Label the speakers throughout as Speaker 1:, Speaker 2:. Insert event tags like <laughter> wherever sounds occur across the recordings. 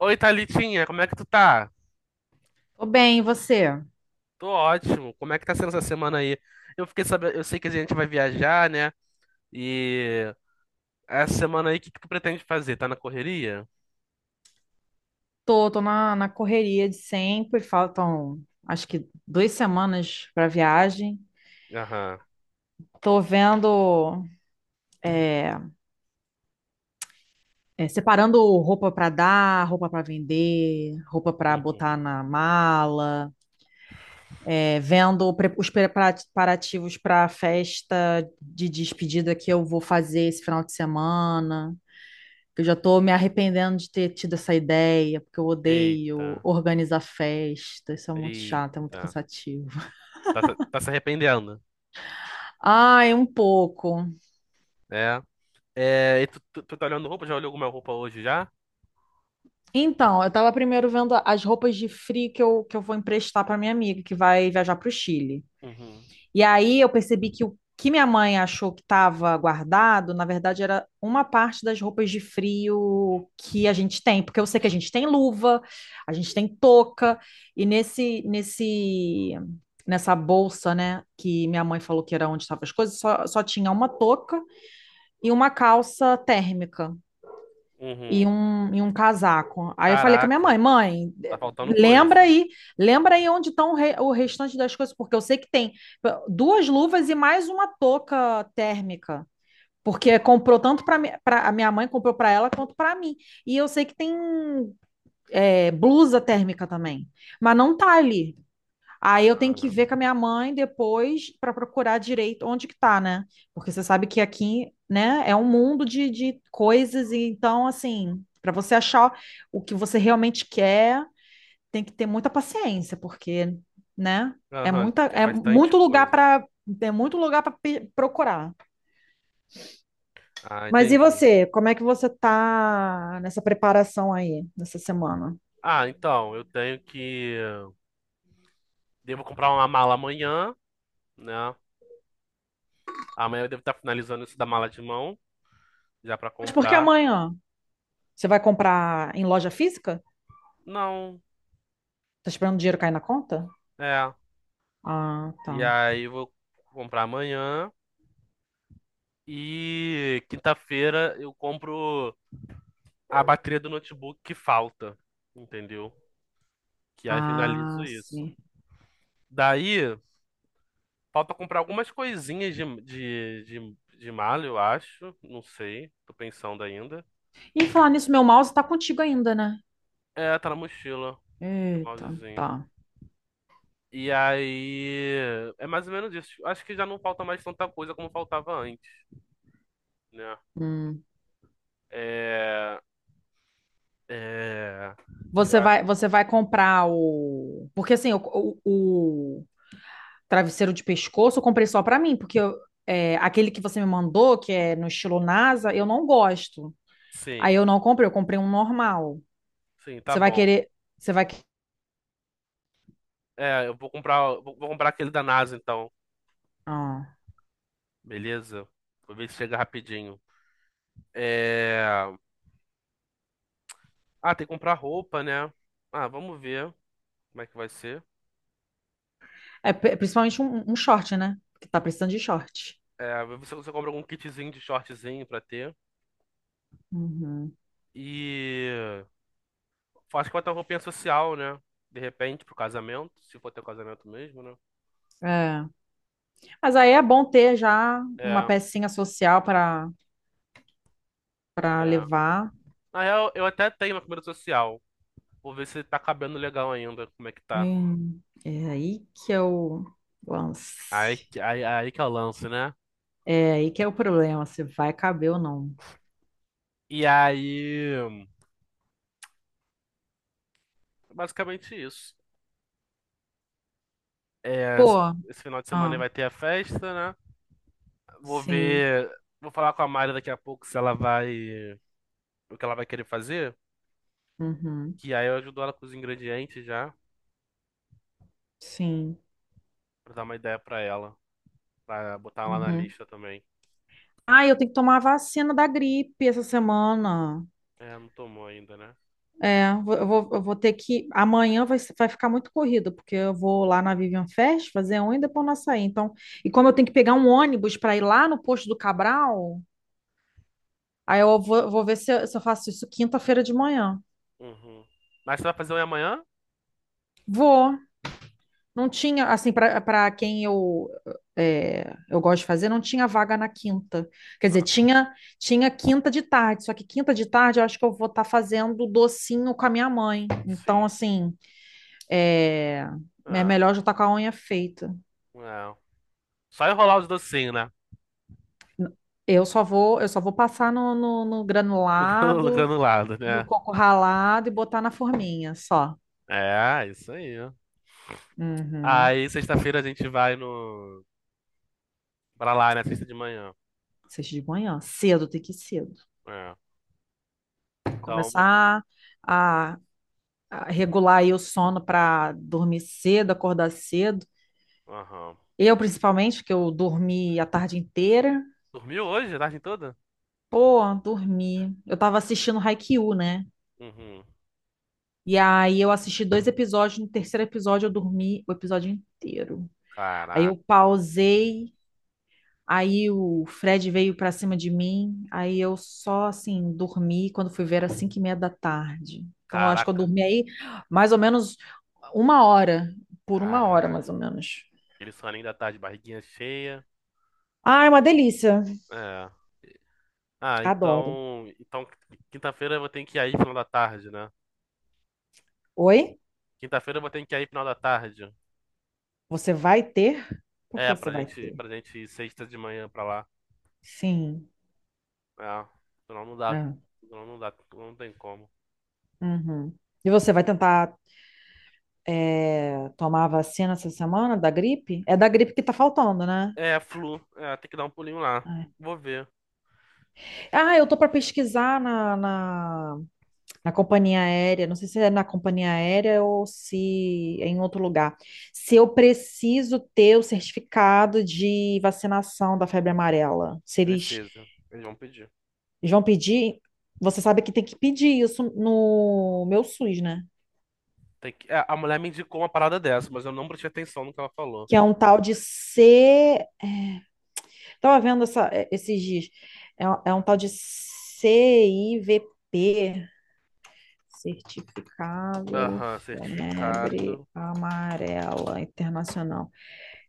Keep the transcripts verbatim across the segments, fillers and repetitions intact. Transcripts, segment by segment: Speaker 1: Oi, Thalitinha, como é que tu tá?
Speaker 2: Tô bem, e você?
Speaker 1: Tô ótimo. Como é que tá sendo essa semana aí? Eu fiquei sabendo, eu sei que a gente vai viajar, né? E essa semana aí, o que que tu pretende fazer? Tá na correria?
Speaker 2: Tô, tô na, na correria de sempre, faltam acho que duas semanas pra viagem.
Speaker 1: Aham.
Speaker 2: Tô vendo, é, é, separando roupa pra dar, roupa pra vender, roupa pra
Speaker 1: Uhum.
Speaker 2: botar na mala, é, vendo pre- os preparativos pra festa de despedida que eu vou fazer esse final de semana. Eu já tô me arrependendo de ter tido essa ideia, porque eu odeio
Speaker 1: Eita,
Speaker 2: organizar festa, isso é muito chato, é muito
Speaker 1: eita.
Speaker 2: cansativo.
Speaker 1: Tá, se- tá se arrependendo,
Speaker 2: Ai, um pouco.
Speaker 1: né? É, e tu, tu, tu tá olhando roupa? Já olhou alguma roupa hoje já?
Speaker 2: Então, eu tava primeiro vendo as roupas de frio que eu, que eu vou emprestar para minha amiga que vai viajar para o Chile.
Speaker 1: Uhum.
Speaker 2: E aí eu percebi que o que minha mãe achou que estava guardado, na verdade, era uma parte das roupas de frio que a gente tem, porque eu sei que a gente tem luva, a gente tem touca, e nesse, nesse, nessa bolsa, né, que minha mãe falou que era onde estavam as coisas, só, só tinha uma touca e uma calça térmica. e
Speaker 1: Uhum.
Speaker 2: um, e um casaco. Aí eu falei com a minha
Speaker 1: Caraca,
Speaker 2: mãe, mãe,
Speaker 1: tá faltando
Speaker 2: lembra
Speaker 1: coisa.
Speaker 2: aí, lembra aí onde estão o, re- o restante das coisas, porque eu sei que tem duas luvas e mais uma touca térmica. Porque comprou tanto para a minha mãe, comprou para ela quanto para mim. E eu sei que tem é, blusa térmica também. Mas não tá ali. Aí eu tenho que
Speaker 1: Aham.
Speaker 2: ver com a minha mãe depois para procurar direito onde que tá, né? Porque você sabe que aqui, né, é um mundo de, de coisas, e então, assim, para você achar o que você realmente quer, tem que ter muita paciência, porque, né, é
Speaker 1: Aham,
Speaker 2: muita,
Speaker 1: é
Speaker 2: é
Speaker 1: bastante
Speaker 2: muito lugar
Speaker 1: coisa.
Speaker 2: para é muito lugar para procurar.
Speaker 1: Ah,
Speaker 2: Mas e
Speaker 1: entendi.
Speaker 2: você? Como é que você tá nessa preparação aí, nessa semana?
Speaker 1: Ah, então, eu tenho que. Devo comprar uma mala amanhã, né? Amanhã eu devo estar finalizando isso da mala de mão, já pra
Speaker 2: Mas por que
Speaker 1: comprar.
Speaker 2: amanhã? Você vai comprar em loja física?
Speaker 1: Não,
Speaker 2: Tá esperando o dinheiro cair na conta?
Speaker 1: é.
Speaker 2: Ah, tá.
Speaker 1: E aí eu vou comprar amanhã e quinta-feira eu compro a bateria do notebook que falta, entendeu? Que aí finalizo
Speaker 2: Ah,
Speaker 1: isso.
Speaker 2: sim.
Speaker 1: Daí falta comprar algumas coisinhas de, de, de, de mala, eu acho. Não sei, tô pensando ainda.
Speaker 2: E falar nisso, meu mouse tá contigo ainda, né?
Speaker 1: É, tá na mochila, o
Speaker 2: Eita,
Speaker 1: mousezinho.
Speaker 2: tá.
Speaker 1: E aí, é mais ou menos isso. Tipo, acho que já não falta mais tanta coisa como faltava antes, né?
Speaker 2: Hum.
Speaker 1: É, é, eu
Speaker 2: Você
Speaker 1: acho,
Speaker 2: vai, você vai comprar o. Porque assim, o, o, o travesseiro de pescoço eu comprei só pra mim, porque eu- é, aquele que você me mandou, que é no estilo NASA, eu não gosto. Aí
Speaker 1: sim,
Speaker 2: eu não comprei, eu comprei um normal.
Speaker 1: sim, tá
Speaker 2: Você vai
Speaker 1: bom.
Speaker 2: querer. Você vai. que-
Speaker 1: É, eu vou comprar, vou, vou comprar aquele da NASA então,
Speaker 2: Ah.
Speaker 1: beleza? Vou ver se chega rapidinho. É, ah, tem que comprar roupa, né? Ah, vamos ver como é que vai ser.
Speaker 2: É pri- principalmente um, um short, né? Porque tá precisando de short.
Speaker 1: É, vou ver se você compra algum kitzinho de shortzinho pra ter.
Speaker 2: Uhum.
Speaker 1: E acho que vai ter uma roupinha social, né? De repente, pro casamento, se for teu casamento mesmo, né?
Speaker 2: É. Mas aí é bom ter já uma
Speaker 1: É,
Speaker 2: pecinha social para para
Speaker 1: é.
Speaker 2: levar.
Speaker 1: Na real, eu até tenho uma comida social. Vou ver se tá cabendo legal ainda, como é que tá.
Speaker 2: Hum, é aí que é o
Speaker 1: Aí,
Speaker 2: lance.
Speaker 1: que- aí, aí que é o lance, né?
Speaker 2: É aí que é o problema, se vai caber ou não.
Speaker 1: E aí, basicamente isso. É,
Speaker 2: Pô,
Speaker 1: esse final de semana aí
Speaker 2: ah,
Speaker 1: vai ter a festa, né? Vou
Speaker 2: sim,
Speaker 1: ver, vou falar com a Mari daqui a pouco se ela vai, o que ela vai querer fazer,
Speaker 2: uhum,
Speaker 1: que aí eu ajudo ela com os ingredientes já,
Speaker 2: sim,
Speaker 1: pra dar uma ideia pra ela, pra botar lá na
Speaker 2: uhum.
Speaker 1: lista também.
Speaker 2: Ah, eu tenho que tomar a vacina da gripe essa semana.
Speaker 1: É, não tomou ainda, né?
Speaker 2: É, eu vou, eu vou eu vou ter que. Amanhã vai, ser- vai ficar muito corrido, porque eu vou lá na Vivian Fest fazer um e depois nós sair. Então, e como eu tenho que pegar um ônibus para ir lá no posto do Cabral, aí eu vou, vou ver se eu, se eu faço isso quinta-feira de manhã.
Speaker 1: Uhum. Mas você vai fazer um amanhã?
Speaker 2: Vou. Não tinha, assim, para para quem eu é, eu gosto de fazer, não tinha vaga na quinta. Quer dizer,
Speaker 1: Aham.
Speaker 2: tinha tinha quinta de tarde, só que quinta de tarde eu acho que eu vou estar fazendo docinho com a minha mãe. Então,
Speaker 1: Sim.
Speaker 2: assim, é, é
Speaker 1: É.
Speaker 2: melhor já estar com a unha feita.
Speaker 1: Não. Só enrolar os docinhos, né?
Speaker 2: Eu só vou eu só vou passar no, no, no
Speaker 1: <laughs> No granu- no
Speaker 2: granulado,
Speaker 1: granulado,
Speaker 2: no
Speaker 1: né?
Speaker 2: coco ralado e botar na forminha, só.
Speaker 1: É, isso aí. Ó.
Speaker 2: Uhum.
Speaker 1: Aí, sexta-feira a gente vai no... pra lá, né? Sexta de manhã.
Speaker 2: Sexta de manhã, cedo, tem que ir cedo.
Speaker 1: É. Então, bot-
Speaker 2: Começar a, a regular aí o sono para dormir cedo, acordar cedo.
Speaker 1: aham.
Speaker 2: Eu, principalmente, que eu dormi a tarde inteira.
Speaker 1: Dormiu hoje, a tarde toda?
Speaker 2: Pô, dormi. Eu tava assistindo Haikyuu, né?
Speaker 1: Uhum.
Speaker 2: E aí eu assisti dois episódios, no terceiro episódio eu dormi o episódio inteiro. Aí eu
Speaker 1: Caraca.
Speaker 2: pausei. Aí o Fred veio pra cima de mim, aí eu só assim dormi quando fui ver era cinco e meia da tarde. Então eu acho que eu
Speaker 1: Caraca.
Speaker 2: dormi aí mais ou menos uma hora, por uma hora mais
Speaker 1: Caraca.
Speaker 2: ou menos.
Speaker 1: Aquele soninho da tarde, barriguinha cheia.
Speaker 2: Ah, é uma delícia.
Speaker 1: É. Ah,
Speaker 2: Adoro.
Speaker 1: então... então, quinta-feira eu vou ter que ir aí final da tarde, né?
Speaker 2: Oi?
Speaker 1: Quinta-feira eu vou ter que ir aí final da tarde.
Speaker 2: Você vai ter? Por que
Speaker 1: É,
Speaker 2: você
Speaker 1: pra
Speaker 2: vai
Speaker 1: gente,
Speaker 2: ter?
Speaker 1: pra gente ir sexta de manhã pra lá.
Speaker 2: Sim.
Speaker 1: Ah, não, não dá.
Speaker 2: É.
Speaker 1: Não, não dá. Não tem como.
Speaker 2: Uhum. E você vai tentar é, tomar a vacina essa semana da gripe? É da gripe que tá faltando, né?
Speaker 1: É, flu. É, tem que dar um pulinho lá.
Speaker 2: É.
Speaker 1: Vou ver.
Speaker 2: Ah, eu tô para pesquisar na, na, Na companhia aérea, não sei se é na companhia aérea ou se é em outro lugar. Se eu preciso ter o certificado de vacinação da febre amarela, se eles
Speaker 1: Precisa. Eles vão pedir.
Speaker 2: vão pedir, você sabe que tem que pedir isso no meu SUS, né?
Speaker 1: Tem que... é, a mulher me indicou uma parada dessa, mas eu não prestei atenção no que ela falou.
Speaker 2: Que é um tal de C. Estava vendo essa- é, esses dias. É, um é um tal de C I V P, Certificado
Speaker 1: Aham,
Speaker 2: Febre
Speaker 1: certificado.
Speaker 2: Amarela Internacional.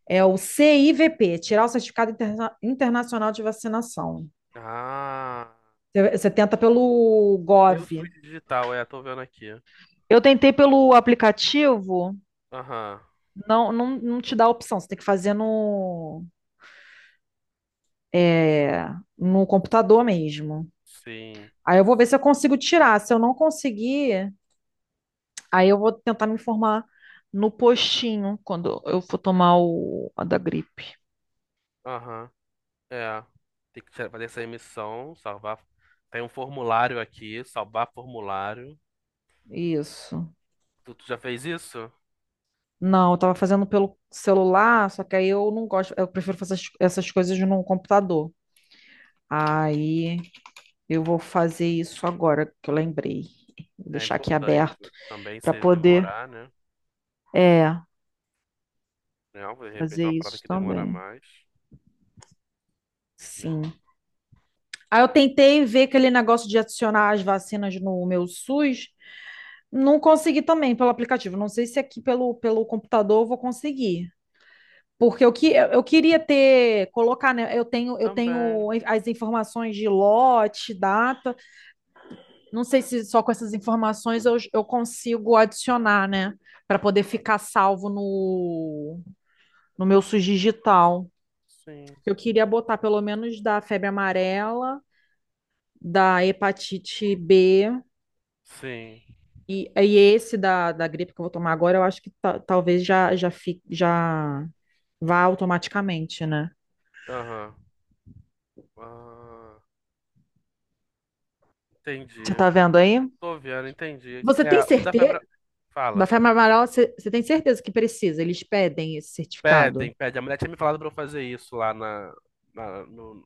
Speaker 2: É o C I V P, tirar o Certificado Interna- Internacional de Vacinação.
Speaker 1: Ah,
Speaker 2: Você você tenta pelo
Speaker 1: eu
Speaker 2: gov
Speaker 1: sou digital, é, tô vendo aqui.
Speaker 2: Eu tentei pelo aplicativo,
Speaker 1: Aham,
Speaker 2: não, não, não te dá a opção, você tem que fazer no, é, no computador mesmo.
Speaker 1: sim.
Speaker 2: Aí eu vou ver se eu consigo tirar. Se eu não conseguir, aí eu vou tentar me informar no postinho quando eu for tomar o, a da gripe.
Speaker 1: Aham, é. Tem que tirar- fazer essa emissão, salvar. Tem um formulário aqui, salvar formulário.
Speaker 2: Isso.
Speaker 1: Tu, tu já fez isso?
Speaker 2: Não, eu tava fazendo pelo celular, só que aí eu não gosto, eu prefiro fazer as- essas coisas no computador. Aí eu vou fazer isso agora que eu lembrei. Vou
Speaker 1: É
Speaker 2: deixar aqui
Speaker 1: importante.
Speaker 2: aberto
Speaker 1: Também
Speaker 2: para
Speaker 1: se
Speaker 2: poder,
Speaker 1: demorar, né?
Speaker 2: é,
Speaker 1: Não, de repente é
Speaker 2: fazer
Speaker 1: uma parada
Speaker 2: isso
Speaker 1: que demora
Speaker 2: também.
Speaker 1: mais, né?
Speaker 2: Sim. Aí eu tentei ver aquele negócio de adicionar as vacinas no meu SUS, não consegui também pelo aplicativo. Não sei se aqui pelo, pelo computador eu vou conseguir. Porque eu, que, eu eu queria ter, colocar, né? Eu tenho, eu
Speaker 1: Também,
Speaker 2: tenho as informações de lote, data. Não sei se só com essas informações eu, eu consigo adicionar, né? Para poder ficar salvo no, no meu SUS digital.
Speaker 1: sim.
Speaker 2: Eu queria botar pelo menos da febre amarela, da hepatite bê
Speaker 1: Sim,
Speaker 2: e, e esse da, da gripe que eu vou tomar agora, eu acho que ta- talvez já, já, fique, já vá automaticamente, né?
Speaker 1: aham. Ah,
Speaker 2: Você
Speaker 1: entendi.
Speaker 2: tá vendo aí?
Speaker 1: Tô vendo, entendi.
Speaker 2: Você tem
Speaker 1: É, o da
Speaker 2: certeza?
Speaker 1: febre. Fala.
Speaker 2: Café Marmarol, você você tem certeza que precisa? Eles pedem esse certificado.
Speaker 1: Pedem, pedem. A mulher tinha me falado pra eu fazer isso lá na. na- no,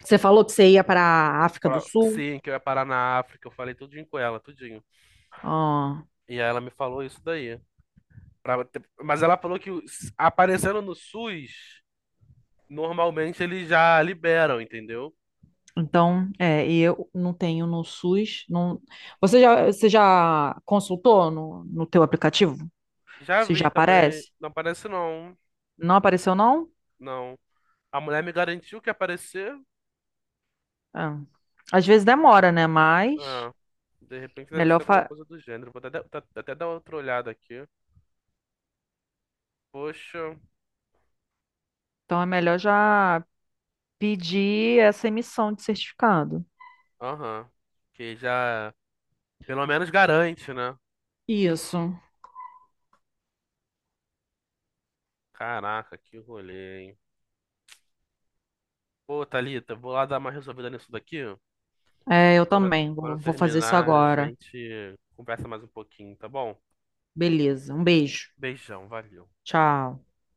Speaker 2: Você falou que você ia para a África do
Speaker 1: pra-
Speaker 2: Sul?
Speaker 1: sim, que eu ia parar na África. Eu falei tudinho com ela, tudinho.
Speaker 2: Ah,
Speaker 1: E aí ela me falou isso daí. Pra- ter- Mas ela falou que os- aparecendo no S U S, normalmente eles já liberam, entendeu?
Speaker 2: então, é, e eu não tenho no SUS. Não... Você já, você já consultou no, no teu aplicativo?
Speaker 1: Já
Speaker 2: Se já
Speaker 1: vi também.
Speaker 2: aparece?
Speaker 1: Não aparece não.
Speaker 2: Não apareceu, não?
Speaker 1: Não. A mulher me garantiu que ia aparecer.
Speaker 2: Ah, às vezes demora, né? Mas
Speaker 1: Ah, de repente deve
Speaker 2: melhor
Speaker 1: ser alguma
Speaker 2: fa-
Speaker 1: coisa do gênero. Vou até, até- até dar outra olhada aqui. Poxa.
Speaker 2: então é melhor já pedir essa emissão de certificado.
Speaker 1: Aham. Que já. Pelo menos garante, né?
Speaker 2: Isso.
Speaker 1: Caraca, que rolê, hein? Pô, Thalita, vou lá dar uma resolvida nisso daqui.
Speaker 2: É, eu
Speaker 1: Quando eu,
Speaker 2: também.
Speaker 1: quando
Speaker 2: Vou
Speaker 1: eu
Speaker 2: vou fazer isso
Speaker 1: terminar, a
Speaker 2: agora.
Speaker 1: gente conversa mais um pouquinho, tá bom?
Speaker 2: Beleza. Um beijo.
Speaker 1: Beijão, valeu.
Speaker 2: Tchau.